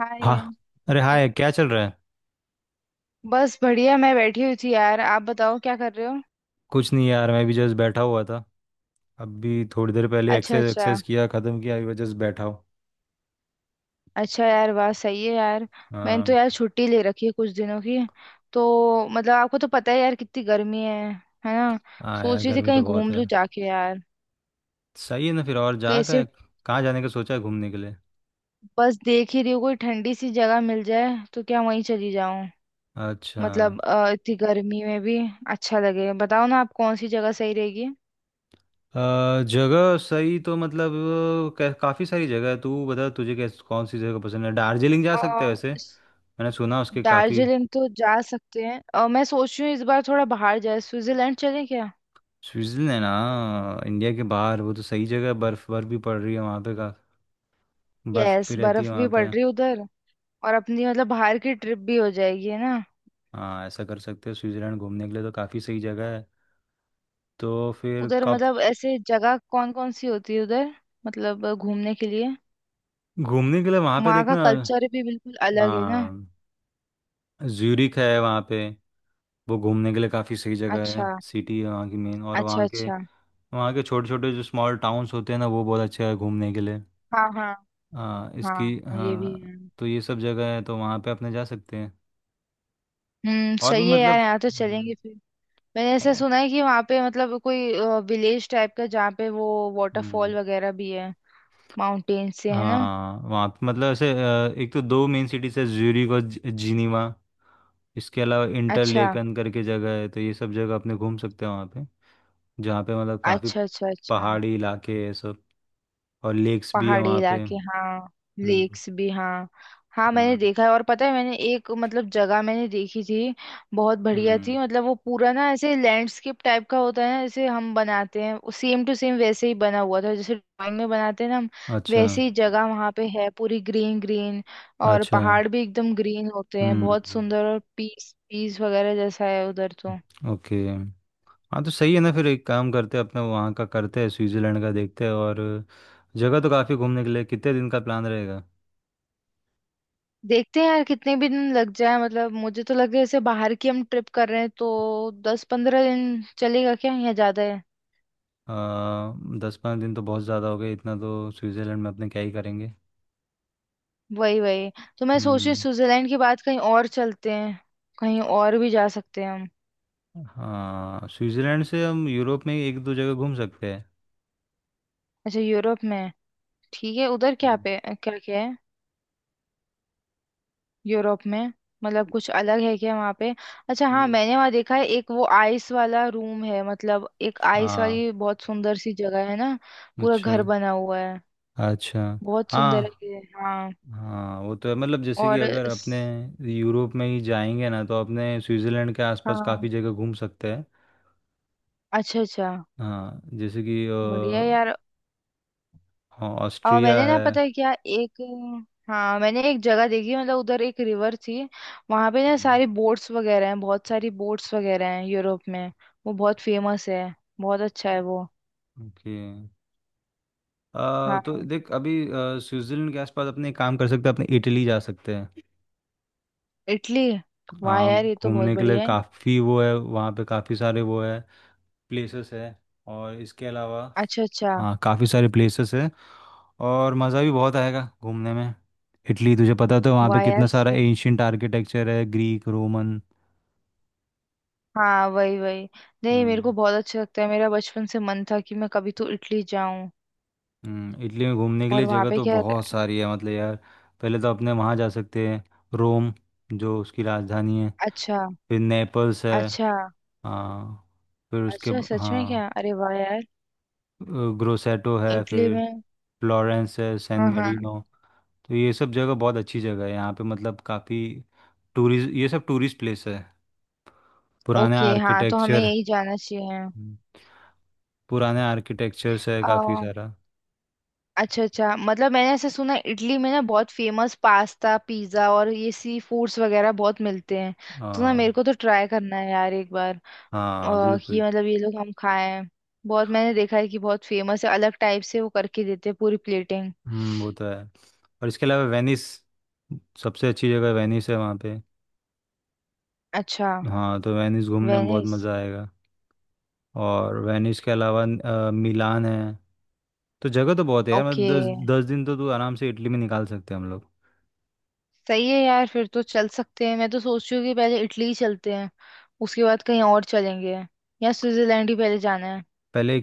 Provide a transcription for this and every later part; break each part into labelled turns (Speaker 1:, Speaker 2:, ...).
Speaker 1: हाँ
Speaker 2: हाँ।
Speaker 1: ये।
Speaker 2: अरे हाय, क्या चल रहा है।
Speaker 1: बस बढ़िया, मैं बैठी हुई थी यार। आप बताओ क्या कर रहे हो।
Speaker 2: कुछ नहीं यार, मैं भी जस्ट बैठा हुआ था। अभी थोड़ी देर पहले
Speaker 1: अच्छा
Speaker 2: एक्सरसाइज
Speaker 1: अच्छा।
Speaker 2: एक्सरसाइज किया, ख़त्म किया। अभी जस्ट बैठा हूँ।
Speaker 1: अच्छा यार, वाह सही है यार। मैंने तो
Speaker 2: हाँ।
Speaker 1: यार छुट्टी ले रखी है कुछ दिनों की। तो मतलब आपको तो पता है यार कितनी गर्मी है। है ना।
Speaker 2: हाँ यार,
Speaker 1: सोच रही थी
Speaker 2: गर्मी तो
Speaker 1: कहीं
Speaker 2: बहुत
Speaker 1: घूम
Speaker 2: है।
Speaker 1: लूं जाके यार।
Speaker 2: सही है ना फिर। और जा
Speaker 1: कैसे।
Speaker 2: का। कहाँ जाने का सोचा है घूमने के लिए।
Speaker 1: बस देख ही रही हूँ कोई ठंडी सी जगह मिल जाए। तो क्या वहीं चली जाऊं।
Speaker 2: अच्छा।
Speaker 1: मतलब इतनी गर्मी में भी अच्छा लगे। बताओ ना आप कौन सी जगह सही
Speaker 2: जगह सही तो मतलब। काफ़ी सारी जगह है। तू बता तुझे कैस कौन सी जगह पसंद है। दार्जिलिंग जा सकते हैं, वैसे
Speaker 1: रहेगी।
Speaker 2: मैंने सुना उसके काफ़ी।
Speaker 1: दार्जिलिंग तो जा सकते हैं। और मैं सोच रही हूँ इस बार थोड़ा बाहर जाए, स्विट्जरलैंड चलें क्या।
Speaker 2: स्विट्ज़रलैंड ना, इंडिया के बाहर वो तो सही जगह है। बर्फ़ बर्फ़ भी पड़ रही है वहाँ पे का। बर्फ़
Speaker 1: यस,
Speaker 2: भी रहती है
Speaker 1: बर्फ भी
Speaker 2: वहाँ
Speaker 1: पड़
Speaker 2: पे।
Speaker 1: रही है उधर। और अपनी मतलब बाहर की ट्रिप भी हो जाएगी, है ना।
Speaker 2: हाँ, ऐसा कर सकते हो। स्विट्जरलैंड घूमने के लिए तो काफ़ी सही जगह है। तो फिर
Speaker 1: उधर
Speaker 2: कब।
Speaker 1: मतलब ऐसे जगह कौन कौन सी होती है उधर। मतलब घूमने के लिए।
Speaker 2: घूमने के लिए वहाँ पे
Speaker 1: वहाँ का
Speaker 2: देखना।
Speaker 1: कल्चर भी बिल्कुल अलग है ना।
Speaker 2: हाँ, ज्यूरिक है वहाँ पे। वो घूमने के लिए काफ़ी सही जगह है।
Speaker 1: अच्छा
Speaker 2: सिटी है वहाँ की मेन, और
Speaker 1: अच्छा।
Speaker 2: वहाँ के।
Speaker 1: अच्छा।
Speaker 2: वहाँ के छोटे छोटे जो स्मॉल टाउन्स होते हैं ना, वो बहुत अच्छे हैं घूमने के लिए।
Speaker 1: हाँ हाँ।
Speaker 2: हाँ इसकी।
Speaker 1: हाँ ये भी
Speaker 2: हाँ।
Speaker 1: है।
Speaker 2: तो ये सब जगह है तो वहाँ पे अपने जा सकते हैं।
Speaker 1: हम्म,
Speaker 2: और भी
Speaker 1: सही है यार,
Speaker 2: मतलब।
Speaker 1: यहाँ तो
Speaker 2: हम्म,
Speaker 1: चलेंगे फिर। मैंने ऐसा
Speaker 2: और-
Speaker 1: सुना है कि वहाँ पे मतलब कोई विलेज टाइप का, जहाँ पे वो वाटरफॉल
Speaker 2: हम्म,
Speaker 1: वगैरह भी है। माउंटेन से है ना।
Speaker 2: हाँ, वहाँ पे मतलब ऐसे, एक तो दो मेन सिटीज है, ज्यूरिक और जिनीवा। इसके अलावा इंटर
Speaker 1: अच्छा
Speaker 2: लेकन करके जगह है, तो ये सब जगह अपने घूम सकते हैं वहाँ पे। जहाँ पे मतलब काफ़ी
Speaker 1: अच्छा अच्छा। अच्छा,
Speaker 2: पहाड़ी इलाके हैं सब। और लेक्स भी है
Speaker 1: पहाड़ी
Speaker 2: वहाँ पे।
Speaker 1: इलाके हाँ।
Speaker 2: हम्म।
Speaker 1: लेक्स भी हाँ। हाँ मैंने
Speaker 2: हाँ।
Speaker 1: देखा है। और पता है मैंने एक मतलब जगह मैंने देखी थी, बहुत बढ़िया
Speaker 2: हम्म।
Speaker 1: थी। मतलब वो पूरा ना ऐसे लैंडस्केप टाइप का होता है ना, जैसे हम बनाते हैं, सेम टू सेम वैसे ही बना हुआ था, जैसे ड्राइंग में बनाते हैं ना हम।
Speaker 2: अच्छा
Speaker 1: वैसे ही जगह वहाँ पे है, पूरी ग्रीन ग्रीन। और
Speaker 2: अच्छा।
Speaker 1: पहाड़ भी एकदम ग्रीन होते हैं,
Speaker 2: हम्म।
Speaker 1: बहुत सुंदर। और पीस पीस वगैरह जैसा है उधर तो।
Speaker 2: ओके। हाँ, तो सही है ना फिर। एक काम करते हैं, अपना वहाँ का करते हैं, स्विट्ज़रलैंड का देखते हैं। और जगह तो काफ़ी घूमने के लिए। कितने दिन का प्लान रहेगा।
Speaker 1: देखते हैं यार, कितने भी दिन लग जाए। मतलब मुझे तो लग रहा है जैसे बाहर की हम ट्रिप कर रहे हैं तो 10 15 दिन चलेगा क्या, या ज्यादा है।
Speaker 2: आ, 10 5 दिन तो बहुत ज़्यादा हो गए। इतना तो स्विट्ज़रलैंड में अपने क्या ही करेंगे।
Speaker 1: वही वही। तो मैं सोच रही हूँ
Speaker 2: हम्म।
Speaker 1: स्विट्जरलैंड के बाद कहीं और चलते हैं। कहीं और भी जा सकते हैं हम।
Speaker 2: हाँ, स्विट्जरलैंड से हम यूरोप में एक दो जगह घूम सकते हैं।
Speaker 1: अच्छा, यूरोप में। ठीक है, उधर क्या
Speaker 2: हम्म,
Speaker 1: पे क्या क्या है यूरोप में। मतलब कुछ अलग है क्या वहाँ पे। अच्छा हाँ,
Speaker 2: ये-
Speaker 1: मैंने वहाँ देखा है एक वो आइस वाला रूम है। मतलब एक आइस
Speaker 2: हाँ।
Speaker 1: वाली बहुत सुंदर सी जगह है ना, पूरा
Speaker 2: अच्छा
Speaker 1: घर बना हुआ है।
Speaker 2: अच्छा।
Speaker 1: बहुत
Speaker 2: हाँ
Speaker 1: सुंदर है ये। हाँ।
Speaker 2: हाँ, वो तो है मतलब, जैसे कि
Speaker 1: और
Speaker 2: अगर अपने यूरोप में ही जाएंगे ना, तो अपने स्विट्जरलैंड के आसपास
Speaker 1: हाँ।
Speaker 2: काफ़ी जगह घूम सकते हैं।
Speaker 1: अच्छा अच्छा।
Speaker 2: हाँ, जैसे कि
Speaker 1: बढ़िया यार।
Speaker 2: हाँ,
Speaker 1: और
Speaker 2: ऑस्ट्रिया
Speaker 1: मैंने ना
Speaker 2: है।
Speaker 1: पता है क्या एक। हाँ मैंने एक जगह देखी, मतलब उधर एक रिवर थी। वहां पे ना
Speaker 2: हम्म,
Speaker 1: सारी बोट्स वगैरह हैं, बहुत सारी बोट्स वगैरह हैं यूरोप में। वो बहुत फेमस है। बहुत अच्छा है वो।
Speaker 2: ओके। तो
Speaker 1: हाँ,
Speaker 2: देख अभी, स्विट्जरलैंड के आसपास अपने एक काम कर सकते हैं, अपने इटली जा सकते हैं।
Speaker 1: इटली। वाह यार, ये तो बहुत
Speaker 2: घूमने के लिए
Speaker 1: बढ़िया है।
Speaker 2: काफ़ी वो है। वहाँ पे काफ़ी सारे वो है, प्लेसेस है। और इसके अलावा
Speaker 1: अच्छा अच्छा।
Speaker 2: हाँ, काफ़ी सारे प्लेसेस है। और मज़ा भी बहुत आएगा घूमने में। इटली तुझे पता तो है, वहाँ पे
Speaker 1: वाह यार
Speaker 2: कितना सारा
Speaker 1: सही।
Speaker 2: एंशियंट आर्किटेक्चर है, ग्रीक रोमन।
Speaker 1: हाँ वही वही। नहीं, मेरे को
Speaker 2: हम्म।
Speaker 1: बहुत अच्छा लगता है, मेरा बचपन से मन था कि मैं कभी तो इटली जाऊं।
Speaker 2: इटली में घूमने के
Speaker 1: और
Speaker 2: लिए
Speaker 1: वहां
Speaker 2: जगह
Speaker 1: पे
Speaker 2: तो
Speaker 1: क्या।
Speaker 2: बहुत सारी है मतलब यार। पहले तो अपने वहाँ जा सकते हैं, रोम, जो उसकी राजधानी है।
Speaker 1: अच्छा
Speaker 2: फिर नेपल्स है।
Speaker 1: अच्छा।
Speaker 2: हाँ। फिर उसके
Speaker 1: अच्छा सच में
Speaker 2: हाँ।
Speaker 1: क्या, अरे वाह यार।
Speaker 2: ग्रोसेटो है
Speaker 1: इटली
Speaker 2: फिर।
Speaker 1: में।
Speaker 2: फ्लोरेंस है, सैन
Speaker 1: हाँ हाँ।
Speaker 2: मेरिनो। तो ये सब जगह बहुत अच्छी जगह है यहाँ पे, मतलब काफ़ी टूरिस्ट, ये सब टूरिस्ट प्लेस है। पुराने
Speaker 1: ओके हाँ, तो हमें
Speaker 2: आर्किटेक्चर,
Speaker 1: यही जाना चाहिए।
Speaker 2: पुराने आर्किटेक्चर्स है काफ़ी
Speaker 1: आ,
Speaker 2: सारा।
Speaker 1: अच्छा अच्छा, मतलब मैंने ऐसे सुना है, इटली में ना बहुत फेमस पास्ता पिज्जा और ये सी फूड्स वगैरह बहुत मिलते हैं। तो ना
Speaker 2: हाँ।
Speaker 1: मेरे को तो ट्राई करना है यार एक बार,
Speaker 2: हाँ
Speaker 1: कि
Speaker 2: बिल्कुल।
Speaker 1: मतलब ये लोग हम खाएं। बहुत मैंने देखा है कि बहुत फेमस है, अलग टाइप से वो करके देते हैं पूरी प्लेटिंग।
Speaker 2: हम्म। वो तो है। और इसके अलावा वेनिस। सबसे अच्छी जगह वेनिस है वहाँ पे।
Speaker 1: अच्छा।
Speaker 2: हाँ, तो वेनिस घूमने में बहुत
Speaker 1: वेनिस।
Speaker 2: मज़ा आएगा। और वेनिस के अलावा मिलान है। तो जगह तो बहुत है यार, मतलब
Speaker 1: ओके,
Speaker 2: दस दस दिन तो तू आराम से इटली में निकाल सकते हैं हम लोग।
Speaker 1: सही है यार फिर तो चल सकते हैं। मैं तो सोच रही हूँ कि पहले इटली ही चलते हैं, उसके बाद कहीं और चलेंगे। या स्विट्जरलैंड ही पहले जाना है।
Speaker 2: पहले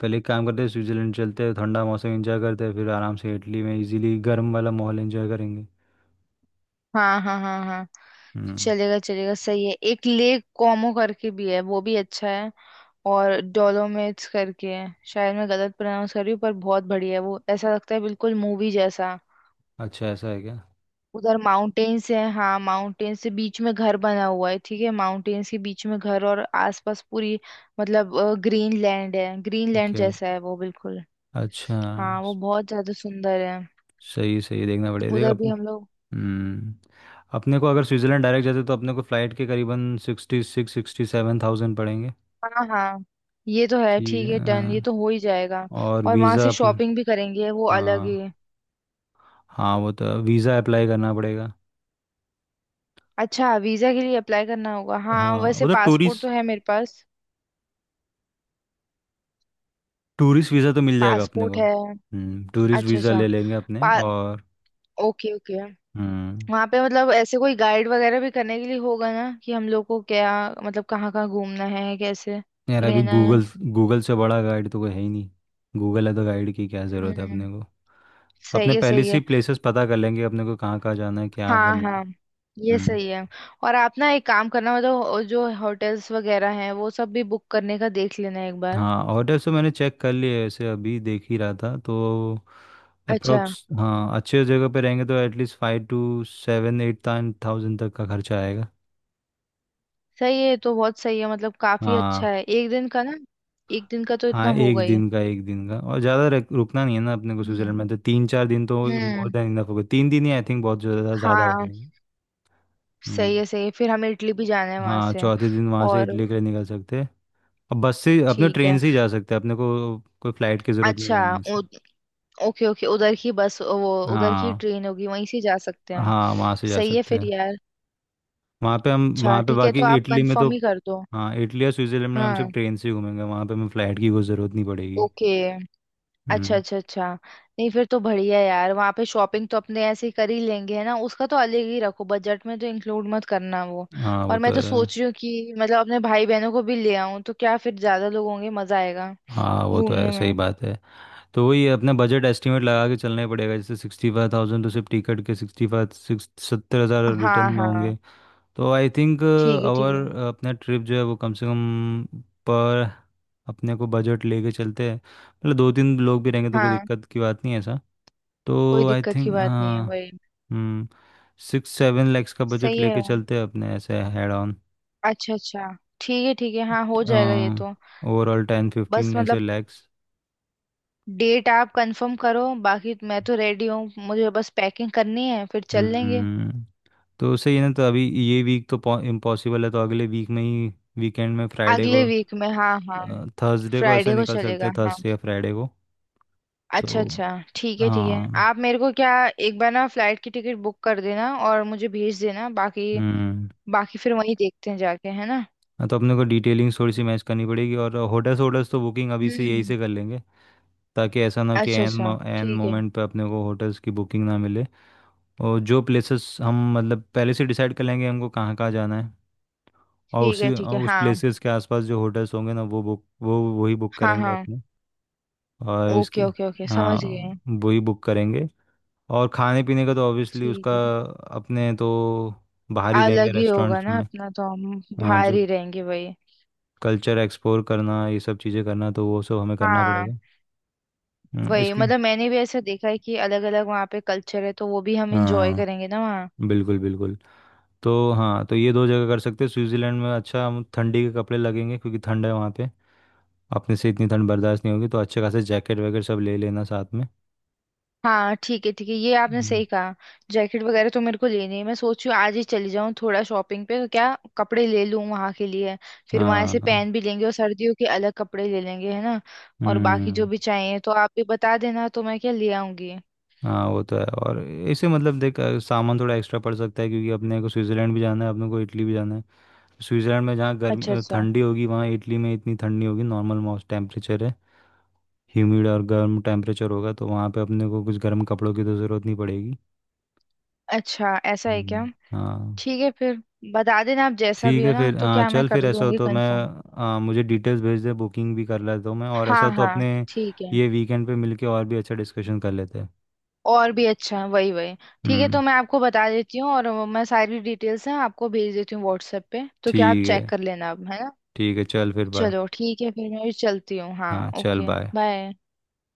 Speaker 2: पहले एक काम करते हैं, स्विट्जरलैंड चलते हैं, ठंडा मौसम एंजॉय करते हैं, फिर आराम से इटली में इजीली गर्म वाला माहौल एंजॉय करेंगे।
Speaker 1: हाँ हाँ हाँ हाँ।
Speaker 2: हम्म।
Speaker 1: चलेगा चलेगा, सही है। एक लेक कोमो करके भी है, वो भी अच्छा है। और डोलोमाइट्स करके है, शायद मैं गलत प्रोनाउंस कर रही हूँ, पर बहुत बढ़िया है वो, ऐसा लगता है बिल्कुल मूवी जैसा।
Speaker 2: अच्छा, ऐसा है क्या।
Speaker 1: उधर माउंटेन्स है। हाँ, माउंटेन्स से बीच में घर बना हुआ है। ठीक है, माउंटेन्स के बीच में घर और आसपास पूरी मतलब ग्रीन लैंड है, ग्रीन लैंड
Speaker 2: ओके।
Speaker 1: जैसा है वो बिल्कुल।
Speaker 2: अच्छा।
Speaker 1: हाँ, वो
Speaker 2: स-
Speaker 1: बहुत ज्यादा सुंदर है।
Speaker 2: सही सही देखना पड़ेगा, देख
Speaker 1: उधर भी हम लोग।
Speaker 2: हम्म। अपने को अगर स्विट्जरलैंड डायरेक्ट जाते तो अपने को फ़्लाइट के करीबन 66 67 हज़ार पड़ेंगे।
Speaker 1: हाँ हाँ, ये तो है।
Speaker 2: ठीक
Speaker 1: ठीक
Speaker 2: है।
Speaker 1: है, डन, ये
Speaker 2: हाँ।
Speaker 1: तो हो ही जाएगा।
Speaker 2: और
Speaker 1: और वहां
Speaker 2: वीज़ा
Speaker 1: से शॉपिंग भी करेंगे, वो अलग ही।
Speaker 2: हाँ। हाँ वो तो वीज़ा अप्लाई करना पड़ेगा।
Speaker 1: अच्छा, वीजा के लिए अप्लाई करना होगा। हाँ
Speaker 2: हाँ,
Speaker 1: वैसे
Speaker 2: वो तो
Speaker 1: पासपोर्ट तो
Speaker 2: टूरिस्ट,
Speaker 1: है मेरे पास।
Speaker 2: टूरिस्ट वीज़ा तो मिल जाएगा अपने
Speaker 1: पासपोर्ट
Speaker 2: को।
Speaker 1: है।
Speaker 2: हम्म। टूरिस्ट
Speaker 1: अच्छा
Speaker 2: वीज़ा
Speaker 1: अच्छा।
Speaker 2: ले लेंगे अपने।
Speaker 1: पा।
Speaker 2: और
Speaker 1: ओके ओके।
Speaker 2: हम्म।
Speaker 1: वहाँ पे मतलब ऐसे कोई गाइड वगैरह भी करने के लिए होगा ना, कि हम लोग को क्या मतलब कहाँ कहाँ घूमना है, कैसे
Speaker 2: यार अभी
Speaker 1: रहना है।
Speaker 2: गूगल, गूगल से बड़ा गाइड तो कोई है ही नहीं। गूगल है तो गाइड की क्या ज़रूरत है
Speaker 1: हम्म,
Speaker 2: अपने को।
Speaker 1: सही
Speaker 2: अपने
Speaker 1: है
Speaker 2: पहले
Speaker 1: सही
Speaker 2: से
Speaker 1: है।
Speaker 2: ही प्लेसेस पता कर लेंगे, अपने को कहाँ कहाँ जाना है, क्या
Speaker 1: हाँ
Speaker 2: करना है।
Speaker 1: हाँ, ये
Speaker 2: हम्म।
Speaker 1: सही है। और आप ना एक काम करना, मतलब जो होटल्स वगैरह हैं वो सब भी बुक करने का देख लेना एक बार।
Speaker 2: हाँ ऑर्डर्स तो मैंने चेक कर लिए, ऐसे अभी देख ही रहा था तो।
Speaker 1: अच्छा।
Speaker 2: अप्रोक्स, हाँ, अच्छे जगह पे रहेंगे तो एटलीस्ट 5 से 7 8 हज़ार तक का खर्चा आएगा।
Speaker 1: सही है, तो बहुत सही है, मतलब काफी अच्छा
Speaker 2: हाँ
Speaker 1: है एक दिन का ना। एक दिन का तो इतना
Speaker 2: हाँ, एक
Speaker 1: होगा ही।
Speaker 2: दिन का, एक दिन का। और ज़्यादा रुकना नहीं है ना अपने को
Speaker 1: हम्म।
Speaker 2: स्विट्जरलैंड में तो। 3 4 दिन तो मोर
Speaker 1: हम्म,
Speaker 2: देन इनफ होगा। 3 दिन ही आई थिंक बहुत ज़्यादा ज़्यादा हो
Speaker 1: हाँ।
Speaker 2: जाएंगे। हम्म।
Speaker 1: सही है सही है, फिर हमें इटली भी जाना है वहां
Speaker 2: हाँ,
Speaker 1: से।
Speaker 2: चौथे दिन वहाँ से
Speaker 1: और
Speaker 2: इटली के लिए निकल सकते हैं। अब बस से, अपने
Speaker 1: ठीक
Speaker 2: ट्रेन
Speaker 1: है।
Speaker 2: से ही जा सकते हैं। अपने को कोई फ्लाइट की ज़रूरत नहीं
Speaker 1: अच्छा
Speaker 2: है वहाँ से।
Speaker 1: ओके ओके, उधर की बस वो उधर की
Speaker 2: हाँ।
Speaker 1: ट्रेन होगी, वहीं से जा सकते हैं हम।
Speaker 2: हाँ, वहाँ से जा
Speaker 1: सही है
Speaker 2: सकते
Speaker 1: फिर
Speaker 2: हैं।
Speaker 1: यार।
Speaker 2: वहाँ पे हम,
Speaker 1: अच्छा
Speaker 2: वहाँ पे
Speaker 1: ठीक है,
Speaker 2: बाकी
Speaker 1: तो आप
Speaker 2: इटली में तो
Speaker 1: कंफर्म ही कर दो।
Speaker 2: हाँ, इटली या स्विट्ज़रलैंड में हम
Speaker 1: हाँ।
Speaker 2: सिर्फ ट्रेन से ही घूमेंगे। वहाँ पे हमें फ़्लाइट की कोई ज़रूरत नहीं पड़ेगी।
Speaker 1: ओके। अच्छा
Speaker 2: हम्म।
Speaker 1: अच्छा अच्छा। नहीं फिर तो बढ़िया यार, वहाँ पे शॉपिंग तो अपने ऐसे ही कर ही लेंगे, है ना। उसका तो अलग ही रखो, बजट में तो इंक्लूड मत करना वो।
Speaker 2: हाँ वो
Speaker 1: और
Speaker 2: तो
Speaker 1: मैं तो
Speaker 2: है।
Speaker 1: सोच रही हूँ कि मतलब अपने भाई बहनों को भी ले आऊँ, तो क्या फिर ज्यादा लोग होंगे, मजा आएगा
Speaker 2: हाँ वो तो
Speaker 1: घूमने
Speaker 2: है, सही
Speaker 1: में।
Speaker 2: बात है। तो वही है, अपना बजट एस्टिमेट लगा के चलना ही पड़ेगा। जैसे 65 हज़ार तो सिर्फ टिकट के, 65 66 70 हज़ार रिटर्न
Speaker 1: हाँ
Speaker 2: में
Speaker 1: हाँ।
Speaker 2: होंगे। तो आई थिंक
Speaker 1: ठीक है ठीक
Speaker 2: आवर
Speaker 1: है,
Speaker 2: अपना ट्रिप जो है वो कम से कम, पर अपने को बजट लेके चलते हैं। मतलब दो तीन लोग भी रहेंगे तो कोई
Speaker 1: हाँ,
Speaker 2: दिक्कत की बात नहीं है ऐसा।
Speaker 1: कोई
Speaker 2: तो आई
Speaker 1: दिक्कत की
Speaker 2: थिंक
Speaker 1: बात नहीं है
Speaker 2: हाँ।
Speaker 1: वही।
Speaker 2: हम्म। 6 7 लाख का बजट
Speaker 1: सही है
Speaker 2: लेके
Speaker 1: यार।
Speaker 2: चलते हैं अपने ऐसे हेड ऑन।
Speaker 1: अच्छा अच्छा। ठीक है ठीक है, हाँ हो जाएगा ये तो।
Speaker 2: ओवरऑल टेन
Speaker 1: बस
Speaker 2: फिफ्टीन ऐसे
Speaker 1: मतलब
Speaker 2: लैक्स।
Speaker 1: डेट आप कंफर्म करो, बाकी मैं तो रेडी हूँ, मुझे बस पैकिंग करनी है, फिर चल लेंगे।
Speaker 2: हम्म। तो सही है ना, तो अभी ये वीक तो इम्पॉसिबल है, तो अगले वीक में ही, वीकेंड में, फ्राइडे
Speaker 1: अगले
Speaker 2: को,
Speaker 1: वीक में, हाँ हाँ।
Speaker 2: थर्सडे को ऐसे
Speaker 1: फ्राइडे को
Speaker 2: निकल सकते
Speaker 1: चलेगा
Speaker 2: हैं,
Speaker 1: हाँ।
Speaker 2: थर्सडे या फ्राइडे को। तो
Speaker 1: अच्छा अच्छा। ठीक है ठीक है,
Speaker 2: हाँ।
Speaker 1: आप मेरे को क्या एक बार ना फ्लाइट की टिकट बुक कर देना और मुझे भेज देना। बाकी
Speaker 2: हम्म।
Speaker 1: बाकी फिर वहीं देखते हैं जाके, है ना।
Speaker 2: हाँ, तो अपने को डिटेलिंग थोड़ी सी मैच करनी पड़ेगी और होटल्स, होटल्स तो बुकिंग अभी से यही
Speaker 1: हम्म।
Speaker 2: से कर लेंगे, ताकि ऐसा ना हो कि
Speaker 1: अच्छा
Speaker 2: एन
Speaker 1: अच्छा।
Speaker 2: एन
Speaker 1: ठीक है।
Speaker 2: मोमेंट पे अपने को होटल्स की बुकिंग ना मिले। और जो प्लेसेस हम मतलब पहले से डिसाइड कर लेंगे, हमको कहाँ कहाँ जाना है, और
Speaker 1: ठीक है
Speaker 2: उसी,
Speaker 1: ठीक है।
Speaker 2: और उस
Speaker 1: हाँ
Speaker 2: प्लेसेस के आसपास जो होटल्स होंगे ना, वो बुक, वो वही बुक
Speaker 1: हाँ
Speaker 2: करेंगे
Speaker 1: हाँ।
Speaker 2: अपने। और इसके
Speaker 1: ओके ओके ओके, समझ
Speaker 2: हाँ,
Speaker 1: गए।
Speaker 2: वही बुक करेंगे। और खाने पीने का तो ऑब्वियसली
Speaker 1: ठीक
Speaker 2: उसका
Speaker 1: है।
Speaker 2: अपने तो बाहर ही रहेंगे
Speaker 1: अलग ही होगा
Speaker 2: रेस्टोरेंट्स
Speaker 1: ना
Speaker 2: में।
Speaker 1: अपना तो, हम
Speaker 2: हाँ,
Speaker 1: बाहर
Speaker 2: जो
Speaker 1: ही रहेंगे वही।
Speaker 2: कल्चर एक्सप्लोर करना, ये सब चीज़ें करना, तो वो सब हमें करना
Speaker 1: हाँ।
Speaker 2: पड़ेगा।
Speaker 1: वही,
Speaker 2: इसके
Speaker 1: मतलब मैंने भी ऐसा देखा है कि अलग अलग वहाँ पे कल्चर है, तो वो भी हम इंजॉय
Speaker 2: हाँ,
Speaker 1: करेंगे ना।
Speaker 2: बिल्कुल बिल्कुल। तो हाँ, तो ये दो जगह कर सकते हैं, स्विट्ज़रलैंड में। अच्छा, हम ठंडी के कपड़े लगेंगे क्योंकि ठंड है वहाँ पे। अपने से इतनी ठंड बर्दाश्त नहीं होगी, तो अच्छे खासे जैकेट वगैरह सब ले लेना साथ में।
Speaker 1: हाँ ठीक है ठीक है, ये आपने
Speaker 2: हम्म,
Speaker 1: सही कहा। जैकेट वगैरह तो मेरे को लेनी है, मैं सोच रही हूँ आज ही चली जाऊँ थोड़ा शॉपिंग पे, तो क्या कपड़े ले लूँ वहाँ के लिए। फिर वहाँ से
Speaker 2: हाँ।
Speaker 1: पहन भी लेंगे, और सर्दियों के अलग कपड़े ले लेंगे, है ना। और बाकी
Speaker 2: हम्म।
Speaker 1: जो भी चाहिए तो आप भी बता देना, तो मैं क्या ले आऊंगी।
Speaker 2: हाँ वो तो है। और इसे मतलब देख, सामान थोड़ा एक्स्ट्रा पड़ सकता है क्योंकि अपने को स्विट्ज़रलैंड भी जाना है, अपने को इटली भी जाना है। स्विट्ज़रलैंड में जहाँ गर्म,
Speaker 1: अच्छा अच्छा।
Speaker 2: ठंडी होगी, वहाँ इटली में इतनी ठंडी होगी, नॉर्मल मौसम टेम्परेचर है। ह्यूमिड और गर्म टेम्परेचर होगा, तो वहाँ पे अपने को कुछ गर्म कपड़ों की तो ज़रूरत नहीं पड़ेगी।
Speaker 1: अच्छा ऐसा है क्या।
Speaker 2: हम्म, हाँ।
Speaker 1: ठीक है फिर, बता देना आप जैसा भी
Speaker 2: ठीक
Speaker 1: हो
Speaker 2: है
Speaker 1: ना,
Speaker 2: फिर,
Speaker 1: तो
Speaker 2: हाँ
Speaker 1: क्या मैं
Speaker 2: चल
Speaker 1: कर
Speaker 2: फिर ऐसा हो
Speaker 1: लूँगी
Speaker 2: तो मैं,
Speaker 1: कंफर्म।
Speaker 2: हाँ, मुझे डिटेल्स भेज दे, बुकिंग भी कर लेता हूँ मैं। और ऐसा
Speaker 1: हाँ
Speaker 2: हो तो
Speaker 1: हाँ।
Speaker 2: अपने
Speaker 1: ठीक है।
Speaker 2: ये वीकेंड पे मिलके और भी अच्छा डिस्कशन कर लेते हैं।
Speaker 1: और भी अच्छा है वही वही। ठीक है, तो
Speaker 2: हम्म।
Speaker 1: मैं आपको बता देती हूँ और वो मैं सारी डिटेल्स हैं आपको भेज देती हूँ व्हाट्सएप पे, तो क्या आप
Speaker 2: ठीक
Speaker 1: चेक
Speaker 2: है।
Speaker 1: कर लेना अब, है ना।
Speaker 2: ठीक है चल फिर, बाय।
Speaker 1: चलो ठीक है फिर, मैं भी चलती हूँ, हाँ
Speaker 2: हाँ चल
Speaker 1: ओके
Speaker 2: बाय।
Speaker 1: बाय।